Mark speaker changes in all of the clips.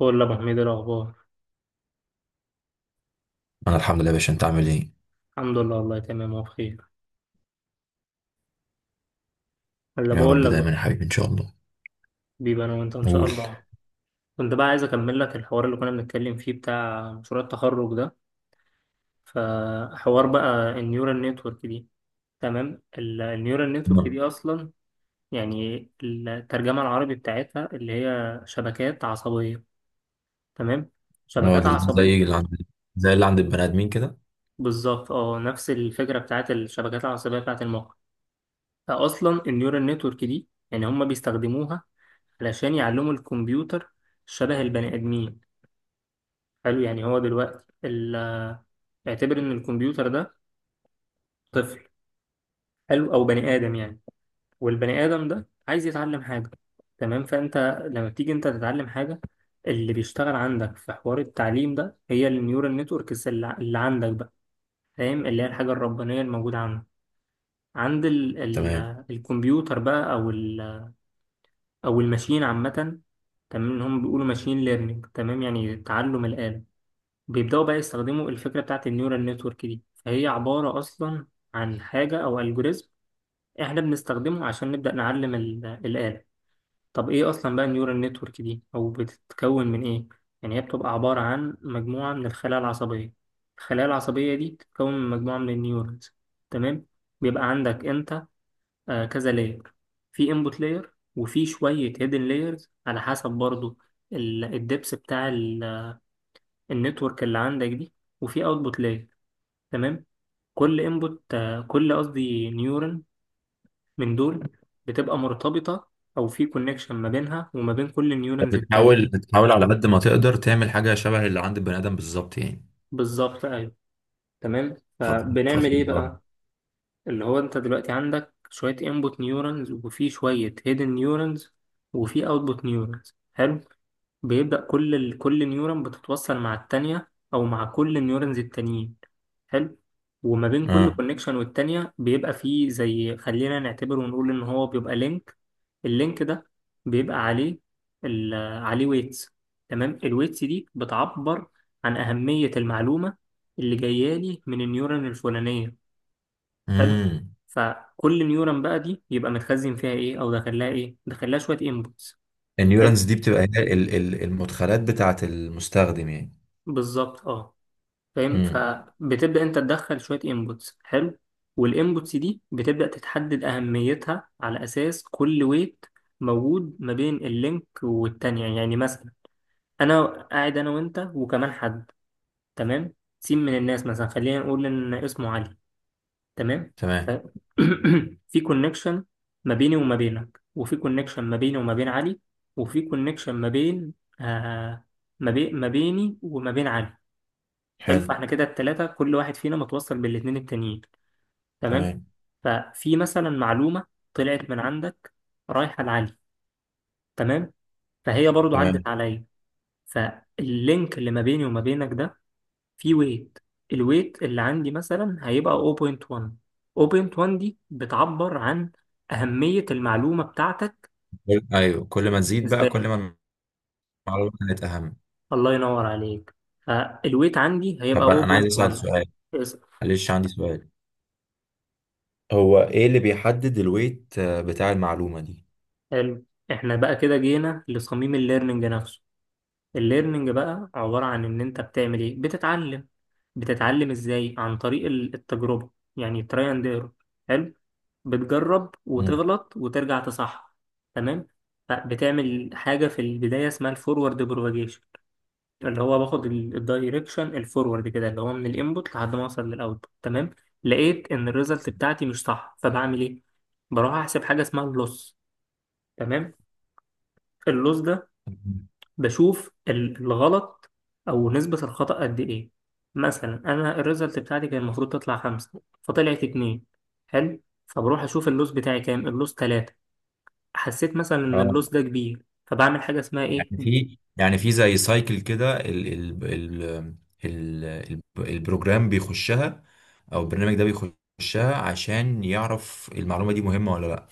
Speaker 1: بقول لك ابو حميد إيه الاخبار.
Speaker 2: انا الحمد لله يا باشا، انت عامل ايه؟
Speaker 1: الحمد لله والله تمام وبخير. اللي
Speaker 2: يا رب
Speaker 1: بقول لك
Speaker 2: دايما
Speaker 1: بقى،
Speaker 2: يا حبيبي، ان شاء الله.
Speaker 1: بيبقى انا وانت ان شاء
Speaker 2: قول.
Speaker 1: الله. كنت بقى عايز اكمل لك الحوار اللي كنا بنتكلم فيه بتاع مشروع التخرج ده. فحوار بقى النيورال نتورك دي. تمام، النيورال نتورك
Speaker 2: نعم.
Speaker 1: دي اصلا يعني الترجمه العربي بتاعتها اللي هي شبكات عصبيه. تمام،
Speaker 2: اه،
Speaker 1: شبكات
Speaker 2: ده زي
Speaker 1: عصبيه.
Speaker 2: اللي عند زي اللي عند البني ادمين كده.
Speaker 1: بالظبط، اه، نفس الفكره بتاعت الشبكات العصبيه بتاعت المخ. فاصلا النيورال نتورك دي يعني هم بيستخدموها علشان يعلموا الكمبيوتر شبه البني آدمين. حلو، يعني هو دلوقتي اعتبر إن الكمبيوتر ده طفل حلو، أو بني آدم يعني. والبني آدم ده عايز يتعلم حاجة، تمام؟ فأنت لما بتيجي أنت تتعلم حاجة، اللي بيشتغل عندك في حوار التعليم ده هي النيورال نتوركس اللي عندك بقى، فاهم؟ اللي هي الحاجة الربانية الموجودة عندك عند ال
Speaker 2: تمام.
Speaker 1: الكمبيوتر بقى، أو ال- أو الماشين عامة. تمام، اللي هم بيقولوا ماشين ليرنينج، تمام، يعني تعلم الآلة. بيبدأوا بقى يستخدموا الفكرة بتاعت النيورال نتورك دي، فهي عبارة أصلا عن حاجة أو ألجوريزم إحنا بنستخدمه عشان نبدأ نعلم الآلة. طب إيه أصلا بقى النيورال نتورك دي أو بتتكون من إيه؟ يعني هي بتبقى عبارة عن مجموعة من الخلايا العصبية. الخلايا العصبية دي بتتكون من مجموعة من النيورونز، تمام؟ بيبقى عندك أنت كذا لاير. في انبوت لاير، وفي شوية هيدن لايرز على حسب برضو الدبس بتاع النتورك اللي عندك دي، وفي اوتبوت لاير. تمام، كل انبوت، كل قصدي نيورون من دول بتبقى مرتبطة او في كونكشن ما بينها وما بين كل النيورونز
Speaker 2: بتحاول
Speaker 1: التانية.
Speaker 2: بتحاول على قد ما تقدر تعمل حاجه شبه اللي عند البني ادم بالظبط يعني.
Speaker 1: بالظبط، ايوه. تمام،
Speaker 2: خطير
Speaker 1: فبنعمل
Speaker 2: خطير
Speaker 1: ايه
Speaker 2: برضه.
Speaker 1: بقى؟ اللي هو انت دلوقتي عندك شوية انبوت نيورونز وفي شوية هيدن نيورونز وفي اوتبوت نيورونز. حلو. بيبدأ كل نيورون بتتوصل مع التانية أو مع كل النيورونز التانيين. حلو، وما بين كل
Speaker 2: اه.
Speaker 1: كونكشن والتانية بيبقى فيه زي، خلينا نعتبر ونقول إن هو بيبقى لينك. اللينك ده بيبقى عليه ال... عليه ويتس. تمام، الويتس دي بتعبر عن أهمية المعلومة اللي جاية لي من النيورون الفلانية. حلو،
Speaker 2: امم
Speaker 1: فكل نيورون بقى دي يبقى متخزن فيها إيه، أو داخلها إيه؟ داخلها شوية إنبوتس. حلو،
Speaker 2: النيورانز دي بتبقى هي المدخلات بتاعه المستخدم يعني.
Speaker 1: بالظبط، اه. فاهم،
Speaker 2: امم.
Speaker 1: فبتبدأ انت تدخل شوية انبوتس. حلو، والانبوتس دي بتبدأ تتحدد أهميتها على أساس كل ويت موجود ما بين اللينك والتانية. يعني مثلا، أنا قاعد أنا وأنت وكمان حد، تمام، سين من الناس، مثلا خلينا نقول إن اسمه علي، تمام. ف...
Speaker 2: تمام.
Speaker 1: في كونكشن ما بيني وما بينك، وفي كونكشن ما بيني وما بين علي، وفي كونكشن ما بين، آه ما بين، ما بيني وما بين علي. حلو،
Speaker 2: حلو.
Speaker 1: فاحنا كده التلاتة كل واحد فينا متوصل بالاتنين التانيين، تمام.
Speaker 2: تمام.
Speaker 1: ففي مثلا معلومة طلعت من عندك رايحة لعلي، تمام، فهي برضو
Speaker 2: تمام.
Speaker 1: عدت عليا. فاللينك اللي ما بيني وما بينك ده فيه ويت. الويت اللي عندي مثلا هيبقى 0.1. 0.1 دي بتعبر عن أهمية المعلومة بتاعتك
Speaker 2: ايوه، كل ما تزيد بقى،
Speaker 1: بالنسبة
Speaker 2: كل
Speaker 1: لي.
Speaker 2: ما المعلومه كانت اهم.
Speaker 1: الله ينور عليك. فالويت عندي هيبقى
Speaker 2: طب، أنا عايز اسال
Speaker 1: 0.1.
Speaker 2: سؤال.
Speaker 1: اسأل.
Speaker 2: معلش، عندي سؤال. هو ايه اللي بيحدد الويت بتاع المعلومة دي؟
Speaker 1: حلو، احنا بقى كده جينا لصميم الليرنينج نفسه. الليرنينج بقى عبارة عن إن أنت بتعمل إيه؟ بتتعلم. بتتعلم إزاي؟ عن طريق التجربة، يعني تراي أند إيرور. حلو؟ بتجرب
Speaker 2: مم.
Speaker 1: وتغلط وترجع تصحح، تمام؟ فبتعمل حاجة في البداية اسمها الفورورد بروباجيشن، اللي هو باخد الدايركشن الفورورد كده، اللي هو من الانبوت لحد ما اوصل للاوتبوت. تمام، لقيت ان الريزلت بتاعتي مش صح، فبعمل ايه؟ بروح احسب حاجه اسمها اللوس. تمام، اللوس ده بشوف الغلط او نسبة الخطأ قد ايه. مثلا انا الريزلت بتاعتي كان المفروض تطلع خمسة فطلعت اتنين. حلو، فبروح اشوف اللوس بتاعي كام. اللوس تلاتة. حسيت مثلا ان
Speaker 2: اه،
Speaker 1: اللوس ده كبير، فبعمل حاجة اسمها ايه.
Speaker 2: يعني في زي سايكل كده، ال ال ال ال ال البروجرام بيخشها، او البرنامج ده بيخشها عشان يعرف المعلومه دي مهمه ولا لا.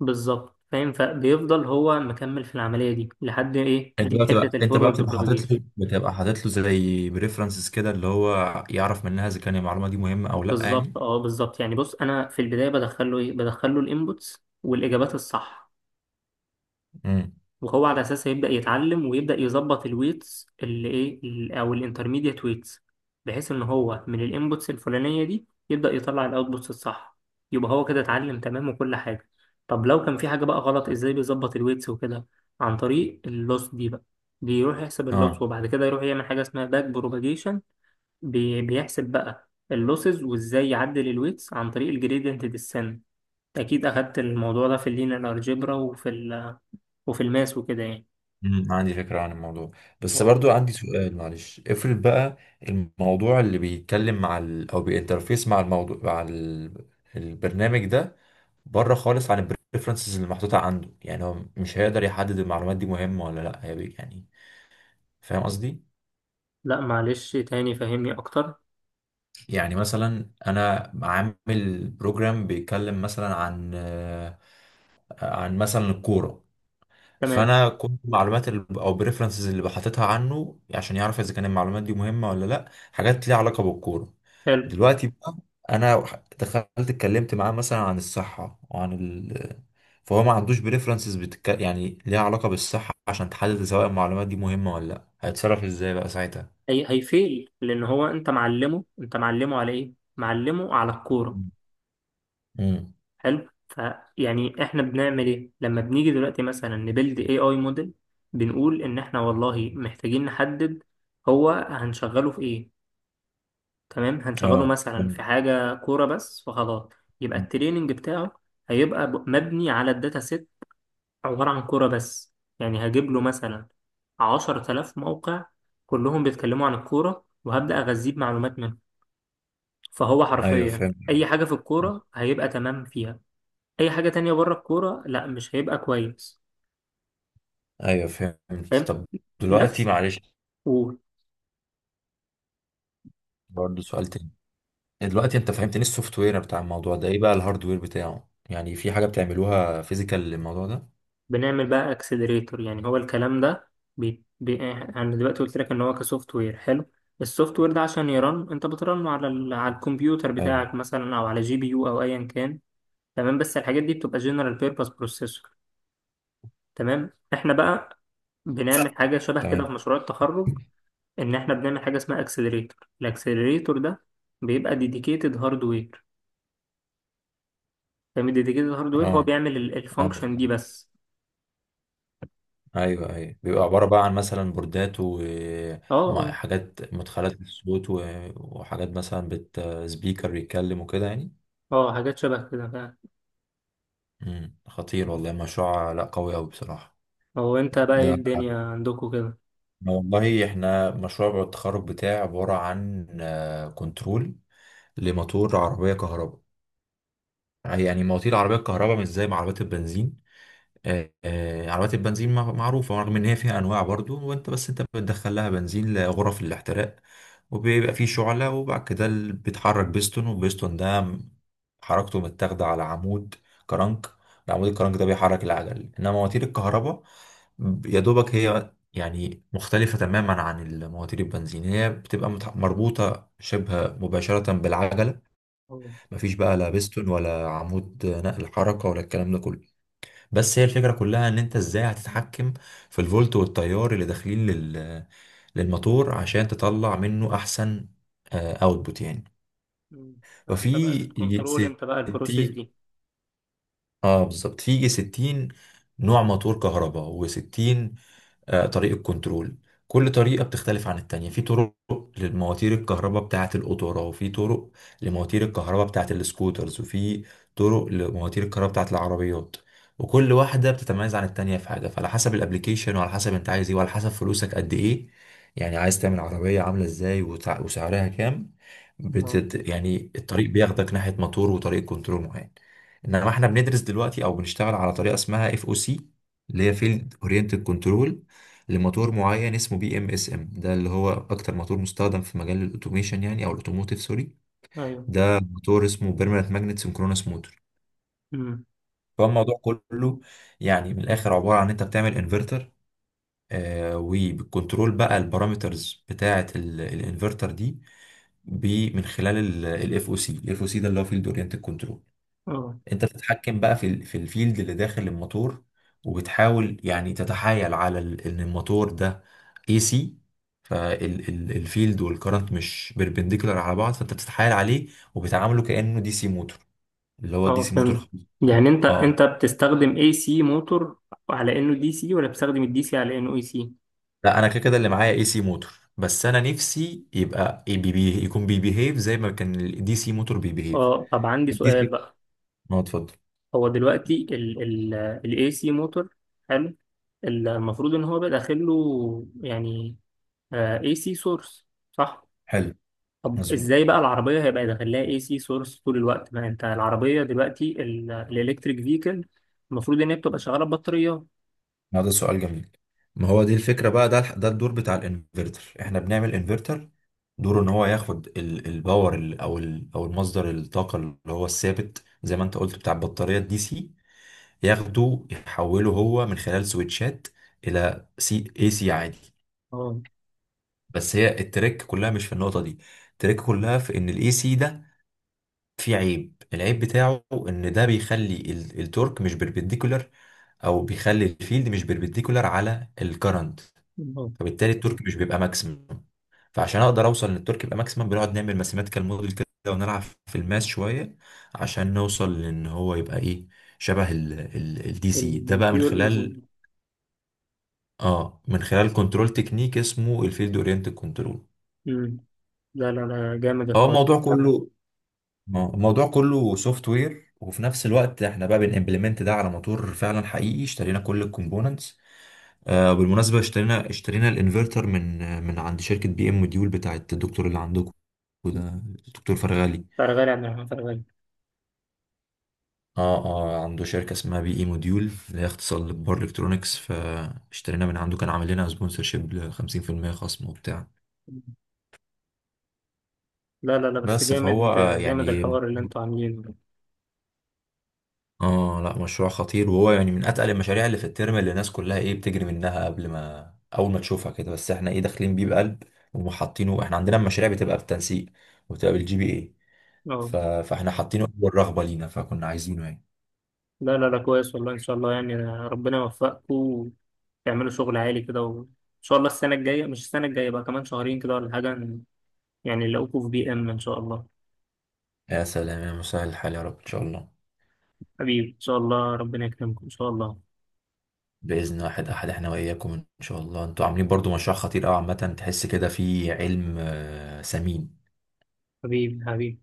Speaker 1: بالظبط. فاهم، فبيفضل هو مكمل في العملية دي لحد ايه؟
Speaker 2: انت
Speaker 1: دي
Speaker 2: بقى
Speaker 1: حتة
Speaker 2: بتبقى انت بقى
Speaker 1: الفورورد
Speaker 2: بتبقى حاطط
Speaker 1: بروباجيشن.
Speaker 2: له بتبقى حاطط له زي بريفرنسز كده اللي هو يعرف منها اذا كان المعلومه دي مهمه او لا
Speaker 1: بالظبط،
Speaker 2: يعني.
Speaker 1: اه، بالظبط. يعني بص انا في البداية بدخله ايه؟ بدخله الانبوتس والاجابات الصح،
Speaker 2: امم.
Speaker 1: وهو على اساسها يبدا يتعلم ويبدا يظبط الويتس اللي ايه، ال- او الانترميديت ويتس، بحيث ان هو من الانبوتس الفلانيه دي يبدا يطلع الاوتبوتس الصح. يبقى هو كده اتعلم تمام وكل حاجه. طب لو كان في حاجه بقى غلط، ازاي بيظبط الويتس وكده؟ عن طريق اللوس دي بقى. بيروح يحسب اللوس
Speaker 2: اه.
Speaker 1: وبعد كده يروح يعمل حاجه اسمها باك بروباجيشن. بيحسب بقى اللوسز وازاي يعدل الويتس عن طريق الجريدينت ديسنت. اكيد اخدت الموضوع ده في اللينير الجبرا وفي ال- وفي الماس وكده يعني.
Speaker 2: عندي فكرة عن الموضوع، بس
Speaker 1: اه.
Speaker 2: برضو عندي سؤال. معلش، افرض بقى الموضوع اللي بيتكلم مع او بينترفيس مع الموضوع مع البرنامج ده، بره خالص عن البريفرنسز اللي محطوطة عنده. يعني هو مش هيقدر يحدد المعلومات دي مهمة ولا لا، هي يعني. فاهم قصدي؟
Speaker 1: لا معلش، تاني فهمني اكتر.
Speaker 2: يعني مثلا، انا عامل بروجرام بيتكلم مثلا عن عن مثلا الكورة.
Speaker 1: تمام.
Speaker 2: فانا كنت معلومات او بريفرنسز اللي بحطتها عنه عشان يعرف اذا كان المعلومات دي مهمه ولا لا حاجات ليها علاقه بالكوره.
Speaker 1: حلو،
Speaker 2: دلوقتي بقى، انا دخلت اتكلمت معاه مثلا عن الصحه وعن فهو ما عندوش بريفرنسز يعني ليها علاقه بالصحه عشان تحدد سواء المعلومات دي مهمه ولا لا. هيتصرف ازاي بقى ساعتها؟
Speaker 1: هي هيفيل لان هو انت معلمه، انت معلمه على ايه؟ معلمه على الكوره.
Speaker 2: امم.
Speaker 1: حلو، فيعني احنا بنعمل ايه لما بنيجي دلوقتي مثلا نبلد اي اي موديل؟ بنقول ان احنا والله محتاجين نحدد هو هنشغله في ايه. تمام، هنشغله
Speaker 2: اه.
Speaker 1: مثلا في
Speaker 2: مم.
Speaker 1: حاجه كوره بس فخلاص. يبقى التريننج بتاعه هيبقى ب- مبني على الداتا سيت عبارة عن كورة بس. يعني هجيب له مثلا 10 آلاف موقع كلهم بيتكلموا عن الكورة، وهبدأ أغذيه بمعلومات منهم. فهو
Speaker 2: ايوه
Speaker 1: حرفيا
Speaker 2: فهمت.
Speaker 1: أي حاجة في الكورة هيبقى تمام فيها. أي حاجة تانية بره الكورة لا مش هيبقى كويس.
Speaker 2: ايوه فهمت.
Speaker 1: فاهم.
Speaker 2: طب دلوقتي،
Speaker 1: نفس.
Speaker 2: معلش، برضه سؤال تاني. دلوقتي انت فهمتني السوفت وير بتاع الموضوع ده، ايه بقى الهاردوير بتاعه؟ يعني في حاجه بتعملوها فيزيكال للموضوع ده؟
Speaker 1: وبنعمل بقى اكسلريتور، يعني هو الكلام ده أنا دلوقتي قلت لك إن هو كسوفت وير. حلو، السوفت وير ده عشان يرن أنت بترن على على الكمبيوتر
Speaker 2: حلو.
Speaker 1: بتاعك مثلا، أو على جي بي يو أو أيا كان. تمام، بس الحاجات دي بتبقى جنرال بيربز بروسيسور. تمام، احنا بقى
Speaker 2: ف...
Speaker 1: بنعمل حاجه شبه كده في
Speaker 2: تمام.
Speaker 1: مشروع التخرج، ان احنا بنعمل حاجه اسمها اكسلريتور. الاكسلريتور ده بيبقى ديديكيتد هاردوير. فاهم، ديديكيتد هاردوير هو
Speaker 2: اه.
Speaker 1: بيعمل
Speaker 2: اه.
Speaker 1: الفانكشن دي بس.
Speaker 2: ايوه، ايوه، بيبقى عباره بقى عن مثلا بوردات
Speaker 1: اه، اه.
Speaker 2: وحاجات مدخلات للصوت، وحاجات مثلا سبيكر يتكلم وكده يعني.
Speaker 1: آه، حاجات شبه كده فعلا.
Speaker 2: امم. خطير
Speaker 1: مم.
Speaker 2: والله مشروع، لا، قوي قوي بصراحه.
Speaker 1: هو انت بقى ايه
Speaker 2: ده
Speaker 1: الدنيا عندكم كده؟
Speaker 2: والله احنا مشروع التخرج بتاعي عباره عن كنترول لموتور عربيه كهرباء. يعني مواتير العربية الكهرباء مش زي ما عربيات البنزين. عربيات البنزين معروفة رغم إن هي فيها أنواع برضو. وأنت، بس أنت بتدخل لها بنزين لغرف الاحتراق، وبيبقى فيه شعلة، وبعد كده بيتحرك بيستون، والبيستون ده حركته متاخدة على عمود كرنك. العمود الكرنك ده بيحرك العجل. إنما مواتير الكهرباء، يا دوبك هي يعني مختلفة تماما عن المواتير البنزين. هي بتبقى مربوطة شبه مباشرة بالعجلة.
Speaker 1: اه.
Speaker 2: مفيش بقى لا بيستون ولا عمود نقل حركة ولا الكلام ده كله. بس هي الفكرة كلها ان انت ازاي هتتحكم في الفولت والتيار اللي داخلين للموتور عشان تطلع منه احسن اوتبوت يعني.
Speaker 1: مم. فانت بقى
Speaker 2: ففي
Speaker 1: بتكنترول انت بقى البروسيس
Speaker 2: 60،
Speaker 1: دي.
Speaker 2: اه بالظبط، في 60 نوع موتور كهرباء، و60 طريقة كنترول. كل طريقة بتختلف عن التانية. في طرق للمواتير الكهرباء بتاعة القطورة، وفي طرق لمواتير الكهرباء بتاعة السكوترز، وفي طرق لمواتير الكهرباء بتاعة العربيات. وكل واحدة بتتميز عن التانية في حاجة، فعلى حسب الابليكيشن وعلى حسب انت عايز ايه وعلى حسب فلوسك قد ايه. يعني عايز تعمل عربية عاملة ازاي، وسعرها كام؟
Speaker 1: اه،
Speaker 2: يعني الطريق بياخدك ناحية موتور وطريق كنترول معين. انما احنا بندرس دلوقتي او بنشتغل على طريقه اسمها FOC، اللي هي فيلد اورينتد كنترول، لموتور معين اسمه PMSM. ده اللي هو اكتر موتور مستخدم في مجال الاوتوميشن يعني، او الاوتوموتيف، سوري.
Speaker 1: ايوه.
Speaker 2: ده موتور اسمه بيرمننت ماجنت سنكرونس موتور.
Speaker 1: مم.
Speaker 2: فالموضوع كله يعني من الاخر عباره عن انت بتعمل انفرتر، وبالكنترول بقى البارامترز بتاعه الانفرتر دي، من خلال الاف او سي. الاف او سي ده اللي هو فيلد اورينتد كنترول.
Speaker 1: اه،
Speaker 2: انت بتتحكم بقى في الفيلد اللي داخل الموتور، وبتحاول يعني تتحايل ان الموتور ده اي سي، فالفيلد والكرنت مش بيربنديكولار على بعض، فانت بتتحايل عليه وبتعامله كانه دي سي موتور، اللي هو دي
Speaker 1: اه،
Speaker 2: سي موتور
Speaker 1: فهمت.
Speaker 2: خالص.
Speaker 1: يعني انت
Speaker 2: اه
Speaker 1: انت بتستخدم اي سي موتور على انه دي سي، ولا بتستخدم الدي سي على انه اي سي؟
Speaker 2: لا، انا كده كده اللي معايا اي سي موتور، بس انا نفسي يبقى بي يكون بيبيهيف زي ما كان الدي سي موتور بيبيهيف.
Speaker 1: اه، طب عندي
Speaker 2: الدي
Speaker 1: سؤال
Speaker 2: سي.
Speaker 1: بقى.
Speaker 2: اه، اتفضل.
Speaker 1: هو دلوقتي ال AC موتور، حلو، المفروض ان هو بقى داخل له يعني آه AC سورس، صح؟
Speaker 2: حلو.
Speaker 1: طب
Speaker 2: مظبوط.
Speaker 1: ازاي بقى العربية هيبقى داخل لها AC سورس طول الوقت ما انت العربية دلوقتي الالكتريك فيكل المفروض ان هي بتبقى شغالة ببطاريات؟
Speaker 2: ما ده سؤال جميل. ما هو دي الفكرة بقى. ده الدور بتاع الانفرتر. احنا بنعمل انفرتر، دوره ان هو ياخد الباور او المصدر الطاقة، اللي هو الثابت زي ما انت قلت، بتاع البطارية الدي سي. ياخده يحوله هو من خلال سويتشات الى سي اي سي عادي.
Speaker 1: اه.
Speaker 2: بس هي التريك كلها مش في النقطة دي. التريك كلها في ان الاي سي ده فيه العيب بتاعه ان ده بيخلي التورك مش بربنديكولار، او بيخلي الفيلد مش بربنديكولار على الكرنت.
Speaker 1: اه.
Speaker 2: فبالتالي التورك مش بيبقى ماكسيمم. فعشان اقدر اوصل ان التورك يبقى ماكسيمم، بنقعد نعمل ماثيماتيكال موديل كده، ونلعب في الماس شويه عشان نوصل لان هو يبقى شبه الدي سي ده بقى، من
Speaker 1: البيور AC.
Speaker 2: خلال اه من خلال كنترول تكنيك اسمه الفيلد اورينتد كنترول.
Speaker 1: امم. لا لا لا، جامد
Speaker 2: هو
Speaker 1: الحوار.
Speaker 2: الموضوع كله آه، الموضوع كله سوفت وير، وفي نفس الوقت احنا بقى بنimplement ده على موتور فعلا حقيقي. اشترينا كل الكومبوننتس. بالمناسبة، اشترينا الانفرتر من عند شركة بي ام موديول بتاعت الدكتور اللي عندكم،
Speaker 1: مم.
Speaker 2: وده الدكتور فرغالي.
Speaker 1: فرغالي، عن فرغالي.
Speaker 2: اه. اه. عنده شركة اسمها بي اي موديول، اللي هي اختصار لبار الكترونكس. فاشترينا من عنده. كان عامل لنا سبونسرشيب ل 50% خصم وبتاع.
Speaker 1: مم. لا لا لا، بس
Speaker 2: بس فهو
Speaker 1: جامد. جامد
Speaker 2: يعني.
Speaker 1: الحوار اللي انتوا عاملينه ده.
Speaker 2: اه لا، مشروع خطير. وهو يعني من اتقل المشاريع اللي في الترم، اللي الناس كلها بتجري منها قبل ما، اول ما تشوفها كده. بس احنا داخلين بيه بقلب، وحاطينه. احنا عندنا المشاريع بتبقى بالتنسيق، وبتبقى بالجي بي اي،
Speaker 1: اه.
Speaker 2: فاحنا حاطينه اول رغبه لينا، فكنا عايزينه يعني.
Speaker 1: لا لا لا، كويس والله ان شاء الله، يعني ربنا يوفقكم وتعملوا شغل عالي كده، وان شاء الله السنه الجايه، مش السنه الجايه بقى، كمان شهرين كده ولا حاجه، يعني نلاقوكم في بي ام ان شاء الله.
Speaker 2: يا سلام يا مسهل الحال يا رب، ان شاء الله.
Speaker 1: حبيبي، ان شاء الله ربنا يكرمكم ان شاء الله.
Speaker 2: باذن واحد احد احنا واياكم ان شاء الله. انتوا عاملين برضو مشروع خطير قوي عامه، تحس كده في علم ثمين.
Speaker 1: حبيبي، حبيبي.